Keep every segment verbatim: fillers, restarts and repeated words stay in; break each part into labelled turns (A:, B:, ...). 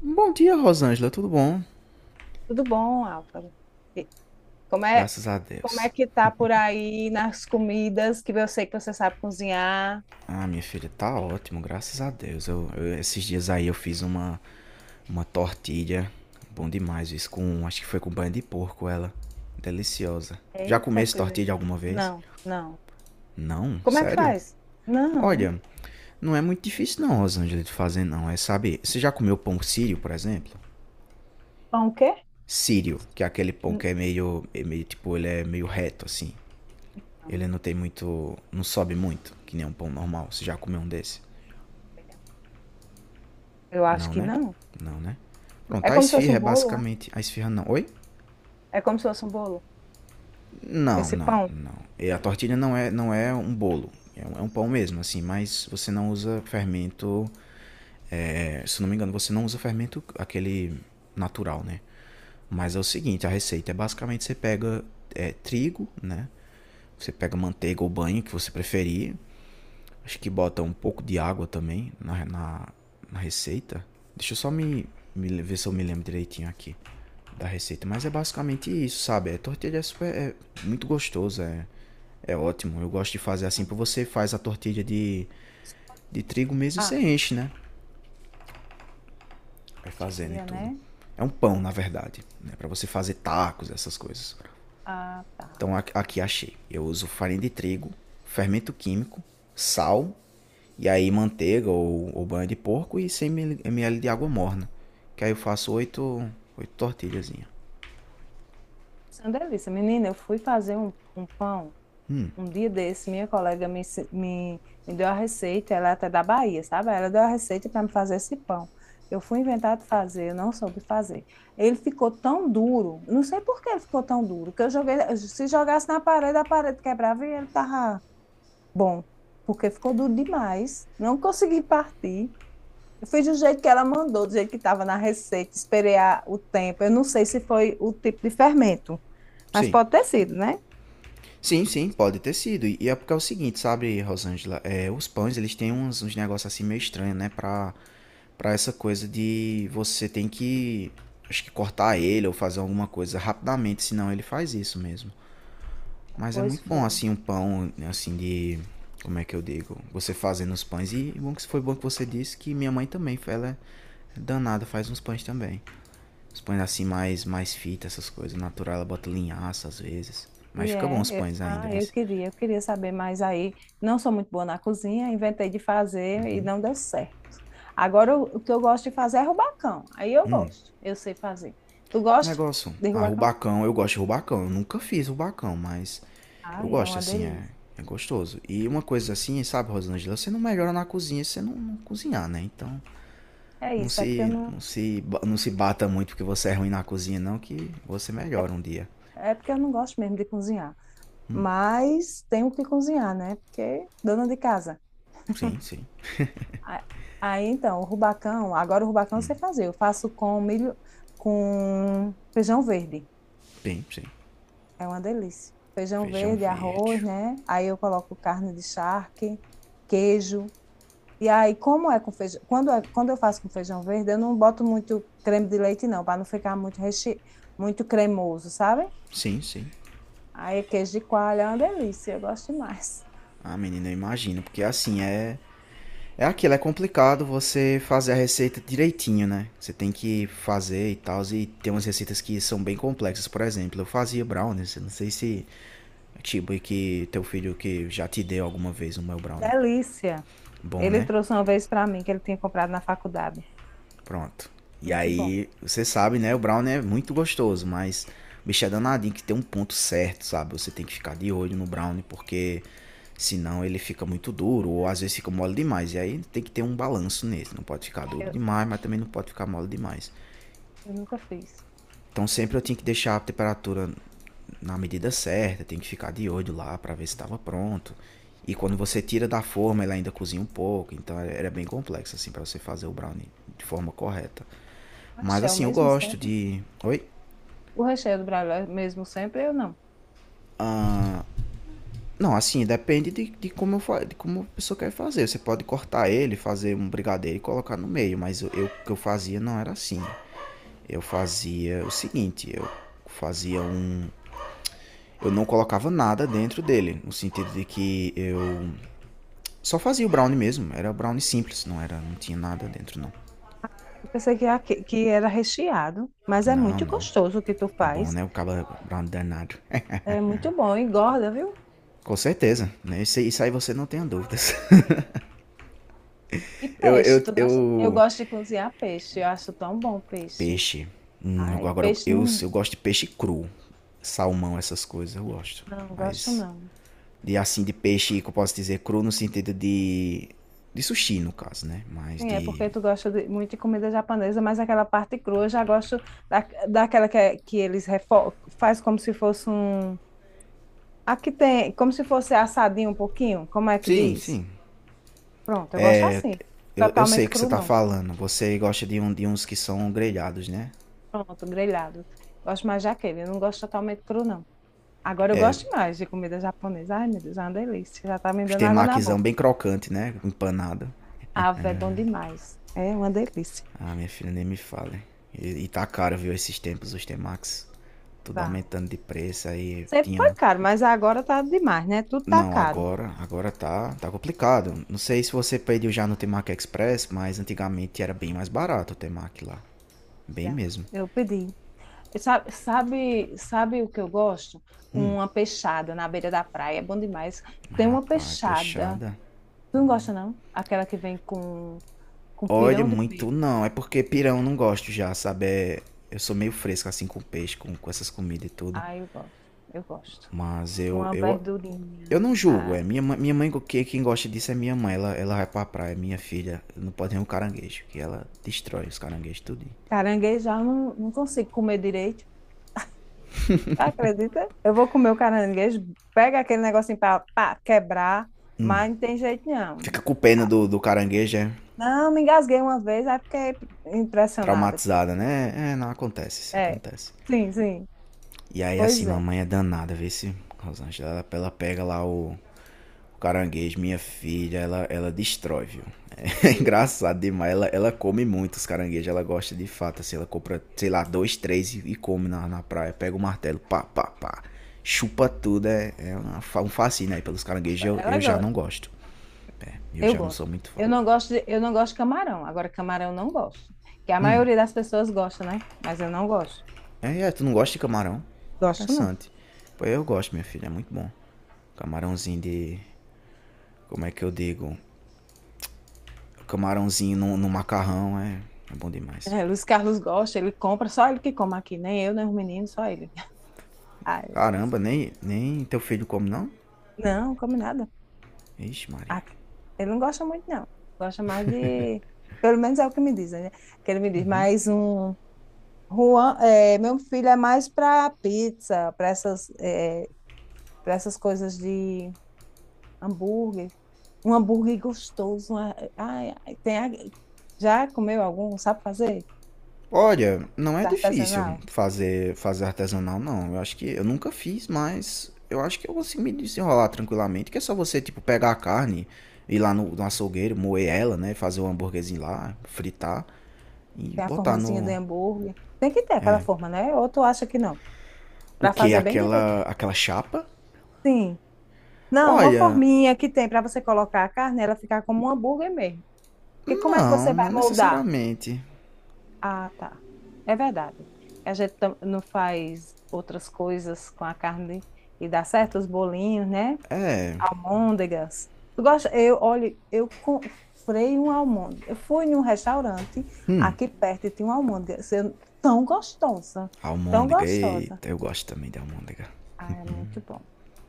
A: Bom dia, Rosângela, tudo bom?
B: Tudo bom, Álvaro? E Como é,
A: Graças a
B: como é
A: Deus.
B: que tá por aí nas comidas que eu sei que você sabe cozinhar?
A: Ah, minha filha, tá ótimo, graças a Deus. Eu, eu- esses dias aí eu fiz uma, uma tortilha, bom demais isso, com, acho que foi com banho de porco ela. Deliciosa. Já
B: Eita,
A: comesse
B: coisa.
A: tortilha alguma vez?
B: Não, não.
A: Não,
B: Como é que
A: sério?
B: faz? Não.
A: Olha, não é muito difícil não, Rosângela, de fazer não, é, sabe, você já comeu pão sírio, por exemplo?
B: Pão o quê?
A: Sírio, que é aquele pão que é meio, é meio, tipo, ele é meio reto, assim.
B: Não.
A: Ele não tem muito. Não sobe muito, que nem um pão normal. Você já comeu um desse?
B: Eu acho
A: Não,
B: que
A: né?
B: não.
A: Não, né? Pronto,
B: É
A: a
B: como se fosse
A: esfirra
B: um
A: é
B: bolo, é?
A: basicamente. A esfirra não. Oi?
B: É como se fosse um bolo.
A: Não,
B: Esse
A: não,
B: pão.
A: não. E a tortilha não é, não é um bolo. É um, é um pão mesmo, assim, mas você não usa fermento. É, se não me engano, você não usa fermento aquele natural, né? Mas é o seguinte, a receita é basicamente você pega é, trigo, né? Você pega manteiga ou banho que você preferir. Acho que bota um pouco de água também na, na, na, receita. Deixa eu só me, me ver se eu me lembro direitinho aqui da receita. Mas é basicamente isso, sabe? A tortilha é, super, é muito gostoso, é, é ótimo. Eu gosto de fazer assim,
B: Não.
A: porque você faz a tortilha de, de trigo mesmo e você
B: Ah,
A: enche, né? Vai fazendo e
B: tia,
A: tudo.
B: né?
A: É um pão, na verdade, né? Para você fazer tacos, essas coisas.
B: Ah, tá.
A: Então aqui achei. Eu uso farinha de trigo, fermento químico, sal. E aí manteiga ou, ou, banha de porco e cem ml de água morna. Que aí eu faço oito oito tortilhazinhas.
B: Isso é uma delícia. Menina, eu fui fazer um, um pão. Um dia desse, minha colega me, ensi- me, me deu a receita, ela é até da Bahia, sabe? Ela deu a receita para me fazer esse pão. Eu fui inventar de fazer, eu não soube fazer. Ele ficou tão duro, não sei por que ele ficou tão duro, que eu joguei, se jogasse na parede, a parede quebrava e ele tava bom, porque ficou duro demais, não consegui partir. Eu fiz do jeito que ela mandou, do jeito que estava na receita, esperei a- o tempo. Eu não sei se foi o tipo de fermento, mas
A: Sim.
B: pode ter sido, né?
A: Sim, sim, pode ter sido. E e é porque é o seguinte, sabe, Rosângela? É, os pães, eles têm uns, uns, negócios assim meio estranhos, né? Pra, pra essa coisa de você tem que, acho que cortar ele ou fazer alguma coisa rapidamente, senão ele faz isso mesmo. Mas é
B: Pois
A: muito bom
B: foi.
A: assim um pão assim de como é que eu digo, você fazendo os pães e bom que foi bom que você disse que minha mãe também, ela é danada, faz uns pães também. Os pães assim mais mais fita, essas coisas, natural, ela bota linhaça às vezes. Mas
B: E
A: fica bom
B: é,
A: os
B: eu-
A: pães ainda,
B: ah,
A: viu?
B: eu queria, eu queria saber, mas aí não sou muito boa na cozinha, inventei de fazer e não deu certo. Agora eu- o que eu gosto de fazer é rubacão. Aí eu gosto, eu sei fazer. Tu gosta
A: Negócio,
B: de
A: ah,
B: rubacão?
A: rubacão, eu gosto de rubacão. Eu nunca fiz rubacão, mas eu
B: Ai, é
A: gosto
B: uma
A: assim, é,
B: delícia.
A: é gostoso. E uma coisa assim, sabe, Rosângela, você não melhora na cozinha se você não, não cozinhar, né? Então,
B: É
A: Não
B: isso, é porque eu
A: se,
B: não,
A: não se, não se bata muito porque você é ruim na cozinha, não, que você melhora um dia.
B: é porque eu não gosto mesmo de cozinhar. Mas tenho que cozinhar, né? Porque dona de casa.
A: Sim, sim.
B: A- Aí então, o rubacão, agora o rubacão eu sei fazer. Eu faço com milho, com feijão verde.
A: Bem, sim.
B: É uma delícia. Feijão
A: Feijão
B: verde, arroz,
A: verde.
B: né? Aí eu coloco carne de charque, queijo. E aí, como é com feijão? Quando, é- quando eu faço com feijão verde, eu não boto muito creme de leite, não, para não ficar muito, reche... muito cremoso, sabe?
A: Sim, sim.
B: Aí, é queijo de coalho é uma delícia, eu gosto demais.
A: Ah, menina, eu imagino, porque assim é. É aquilo, é complicado você fazer a receita direitinho, né? Você tem que fazer e tal, e tem umas receitas que são bem complexas. Por exemplo, eu fazia brownies, eu não sei se. Tipo, e que teu filho que já te deu alguma vez o meu brownie.
B: Delícia.
A: Bom,
B: Ele
A: né?
B: trouxe uma vez para mim, que ele tinha comprado na faculdade.
A: Pronto. E
B: Muito bom.
A: aí, você sabe, né? O Brown é muito gostoso, mas o bicho é danadinho que tem um ponto certo, sabe? Você tem que ficar de olho no Brown, porque senão ele fica muito duro, ou às vezes fica mole demais. E aí tem que ter um balanço nesse. Não pode ficar duro
B: Eu,
A: demais, mas também não pode ficar mole demais.
B: eu nunca fiz.
A: Então sempre eu tinha que deixar a temperatura na medida certa, tem que ficar de olho lá para ver se estava pronto. E quando você tira da forma, ele ainda cozinha um pouco, então é, era bem complexo assim para você fazer o brownie de forma correta.
B: O
A: Mas
B: recheio é o
A: assim, eu
B: mesmo
A: gosto
B: sempre?
A: de. Oi?
B: O recheio do Brasil é o mesmo sempre, eu não.
A: Não, assim, depende de, de como eu fa... de como a pessoa quer fazer. Você pode cortar ele, fazer um brigadeiro e colocar no meio, mas eu, eu, o que eu fazia não era assim. Eu fazia o seguinte, eu fazia um. Eu não colocava nada dentro dele, no sentido de que eu só fazia o brownie mesmo. Era brownie simples, não era, não tinha nada dentro não.
B: Pensei que, era que era recheado, mas é
A: Não,
B: muito
A: não.
B: gostoso o que tu
A: É bom,
B: faz.
A: né? O cabra brownie danado. É,
B: É muito bom, engorda, viu?
A: com certeza, né? Isso, isso aí você não tenha dúvidas.
B: E
A: Eu,
B: peixe,
A: eu,
B: tu gosta? Eu
A: eu
B: gosto de cozinhar peixe, eu acho tão bom peixe.
A: Peixe. Hum,
B: Ai,
A: agora eu,
B: peixe
A: eu,
B: não,
A: eu gosto de peixe cru. Salmão, essas coisas, eu gosto.
B: não gosto
A: Mas.
B: não.
A: De assim, de peixe que eu posso dizer cru no sentido de. De sushi, no caso, né? Mas
B: Sim, é
A: de.
B: porque tu gosta de- muito de comida japonesa, mas aquela parte crua eu já gosto da, daquela que, é- que eles refo faz como se fosse um... Aqui tem, como se fosse assadinho um pouquinho, como é que
A: Sim,
B: diz?
A: sim.
B: Pronto, eu gosto assim,
A: Eu, eu sei o
B: totalmente
A: que você
B: cru
A: tá
B: não.
A: falando. Você gosta de, um, de uns que são grelhados, né?
B: Pronto, grelhado. Gosto mais daquele, eu não gosto totalmente cru, não. Agora eu gosto mais de comida japonesa. Ai, meu Deus, é uma delícia. Já tá me
A: Os
B: dando água na
A: temaquizão
B: boca.
A: bem crocante, né? Empanado.
B: Ah, é bom demais. É uma delícia.
A: Ah, minha filha, nem me fale. E, e tá caro, viu, esses tempos, os temax. Tudo
B: Tá.
A: aumentando de preço. Aí
B: Sempre
A: tinha.
B: foi caro, mas agora tá demais, né? Tudo tá
A: Não,
B: caro.
A: agora, agora, tá, tá complicado. Não sei se você pediu já no Temac Express, mas antigamente era bem mais barato o Temac lá. Bem
B: Olha,
A: mesmo.
B: eu pedi. Eu Sabe, sabe, sabe o que eu gosto? Uma peixada na beira da praia. É bom demais. Tem uma
A: Rapaz,
B: peixada.
A: peixada.
B: Tu não gosta, não? Aquela que vem com, com
A: Olha,
B: pirão de
A: muito
B: peixe.
A: não. É porque pirão não gosto já, sabe? É- eu sou meio fresco assim com peixe, com, com essas comidas e tudo.
B: Ah, eu gosto. Eu gosto.
A: Mas eu,
B: Uma
A: eu,
B: verdurinha.
A: eu não julgo, é.
B: Ai,
A: Minha, minha, mãe, que- quem gosta disso é minha mãe. Ela, ela vai pra praia, minha filha. Não pode nem um caranguejo, que ela destrói os caranguejos tudo.
B: caranguejo já não, não consigo comer direito. Acredita? Eu vou comer o caranguejo, pega aquele negocinho para quebrar, mas não tem jeito não.
A: Fica com pena
B: Ah,
A: do, do caranguejo, é.
B: não, me engasguei uma vez, aí fiquei impressionada.
A: Traumatizada, né? É, não, acontece, isso
B: É,
A: acontece.
B: sim, sim.
A: E aí, assim,
B: Pois é.
A: mamãe é danada, vê se, Rosângela, ela, ela pega lá o, o caranguejo, minha filha, ela, ela destrói, viu? É
B: E é.
A: engraçado demais, ela, ela come muito os caranguejos, ela gosta de fato, assim, ela compra, sei lá, dois, três e, e come na, na praia, pega o martelo, pá, pá, pá, chupa tudo, é, é uma um fascínio aí pelos caranguejos, eu, eu
B: Ela
A: já
B: gosta.
A: não gosto, eu
B: Eu
A: já não sou
B: gosto.
A: muito fã.
B: Eu não gosto de, eu não gosto de camarão. Agora, camarão eu não gosto. Que a maioria das pessoas gosta, né? Mas eu não gosto.
A: É, é, tu não gosta de camarão?
B: Gosto não.
A: Interessante. Pô, eu gosto, minha filha, é muito bom. Camarãozinho de. Como é que eu digo? Camarãozinho no, no, macarrão é, é bom demais.
B: É, Luiz Carlos gosta, ele compra, só ele que come aqui, nem eu, nem os meninos, só ele. Ah,
A: Caramba, nem, nem teu filho come, não?
B: não, come nada.
A: Ixi, Maria.
B: Ah, ele não gosta muito, não. Gosta mais de. Pelo menos é o que me dizem, né? Que ele me diz, mais um. Juan, é, meu filho é mais para pizza, para essas, é, para essas coisas de hambúrguer. Um hambúrguer gostoso. uma- Ai, ai, tem a- já comeu algum? Sabe fazer?
A: Olha, não é difícil
B: Artesanal?
A: fazer, fazer artesanal, não. Eu acho que eu nunca fiz, mas eu acho que eu consigo me desenrolar tranquilamente. Que é só você, tipo, pegar a carne, ir lá no, no, açougueiro, moer ela, né? Fazer o hambúrguerzinho lá, fritar e
B: Tem a
A: botar
B: formazinha de
A: no.
B: hambúrguer. Tem que ter aquela forma, né? Ou tu acha que não?
A: O
B: Para
A: que?
B: fazer bem direito.
A: Aquela, aquela chapa?
B: Sim. Não, uma
A: Olha,
B: forminha que tem para você colocar a carne, ela ficar como um hambúrguer mesmo. Porque como é que você
A: não,
B: vai
A: não
B: moldar?
A: necessariamente.
B: Ah, tá. É verdade. A gente tam- não faz outras coisas com a carne e dá certo os bolinhos, né?
A: É,
B: Almôndegas. Tu gosta? Eu, olha, eu comprei um almôndega. Eu fui num restaurante aqui perto e tinha uma almôndega assim, tão gostosa, tão
A: almôndega,
B: gostosa.
A: eita, eu gosto também de almôndega.
B: Ah, é muito bom.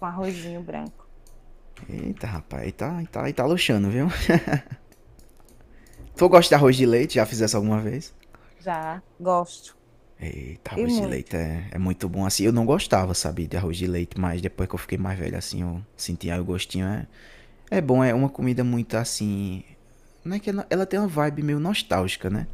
B: Com arrozinho branco.
A: Eita, rapaz, aí tá, aí tá, aí tá luxando, viu? Tu gosta de
B: É
A: arroz de
B: bom.
A: leite? Já fiz essa alguma vez?
B: Já gosto.
A: Eita,
B: E
A: arroz de
B: muito.
A: leite é, é muito bom assim. Eu não gostava, sabe, de arroz de leite, mas depois que eu fiquei mais velho, assim, eu sentia o gostinho. É, é bom, é uma comida muito assim. Não é que ela, ela, tem uma vibe meio nostálgica, né?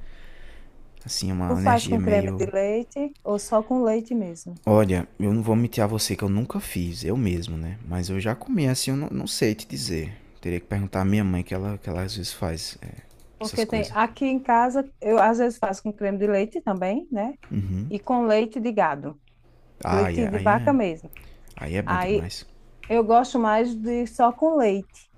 A: Assim,
B: Tu
A: uma
B: faz
A: energia
B: com creme de
A: meio.
B: leite ou só com leite mesmo?
A: Olha, eu não vou mentir a você que eu nunca fiz, eu mesmo, né? Mas eu já comi assim, eu não, não sei te dizer. Teria que perguntar à minha mãe, que ela, que ela às vezes faz é, essas
B: Porque tem
A: coisas.
B: aqui em casa, eu às vezes faço com creme de leite também, né? E com leite de gado,
A: Ah,
B: leite
A: é,
B: de
A: aí
B: vaca
A: é,
B: mesmo.
A: aí é bom
B: Aí
A: demais.
B: eu gosto mais de só com leite,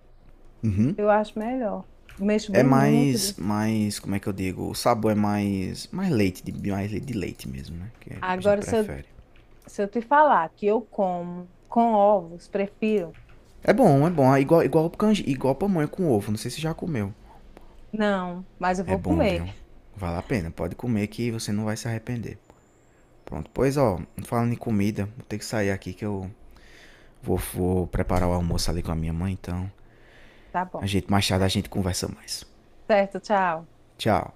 A: Uhum.
B: eu acho melhor. Mexo
A: É
B: bem muito.
A: mais,
B: de-
A: mais, como é que eu digo? O sabor é mais, mais leite, de, mais leite de leite mesmo, né? Que é, a gente
B: Agora, se eu,
A: prefere.
B: se eu te falar que eu como com ovos, prefiro,
A: É bom, é bom. É igual, igual canje, igual pamonha com ovo. Não sei se já comeu.
B: não, mas eu
A: É
B: vou
A: bom,
B: comer.
A: viu? Vale a pena. Pode comer que você não vai se arrepender. Pronto, pois ó, falando em comida, vou ter que sair aqui que eu vou, vou preparar o almoço ali com a minha mãe, então.
B: Tá
A: A
B: bom.
A: gente, mais tarde a
B: Tá,
A: gente conversa mais.
B: certo, tchau.
A: Tchau.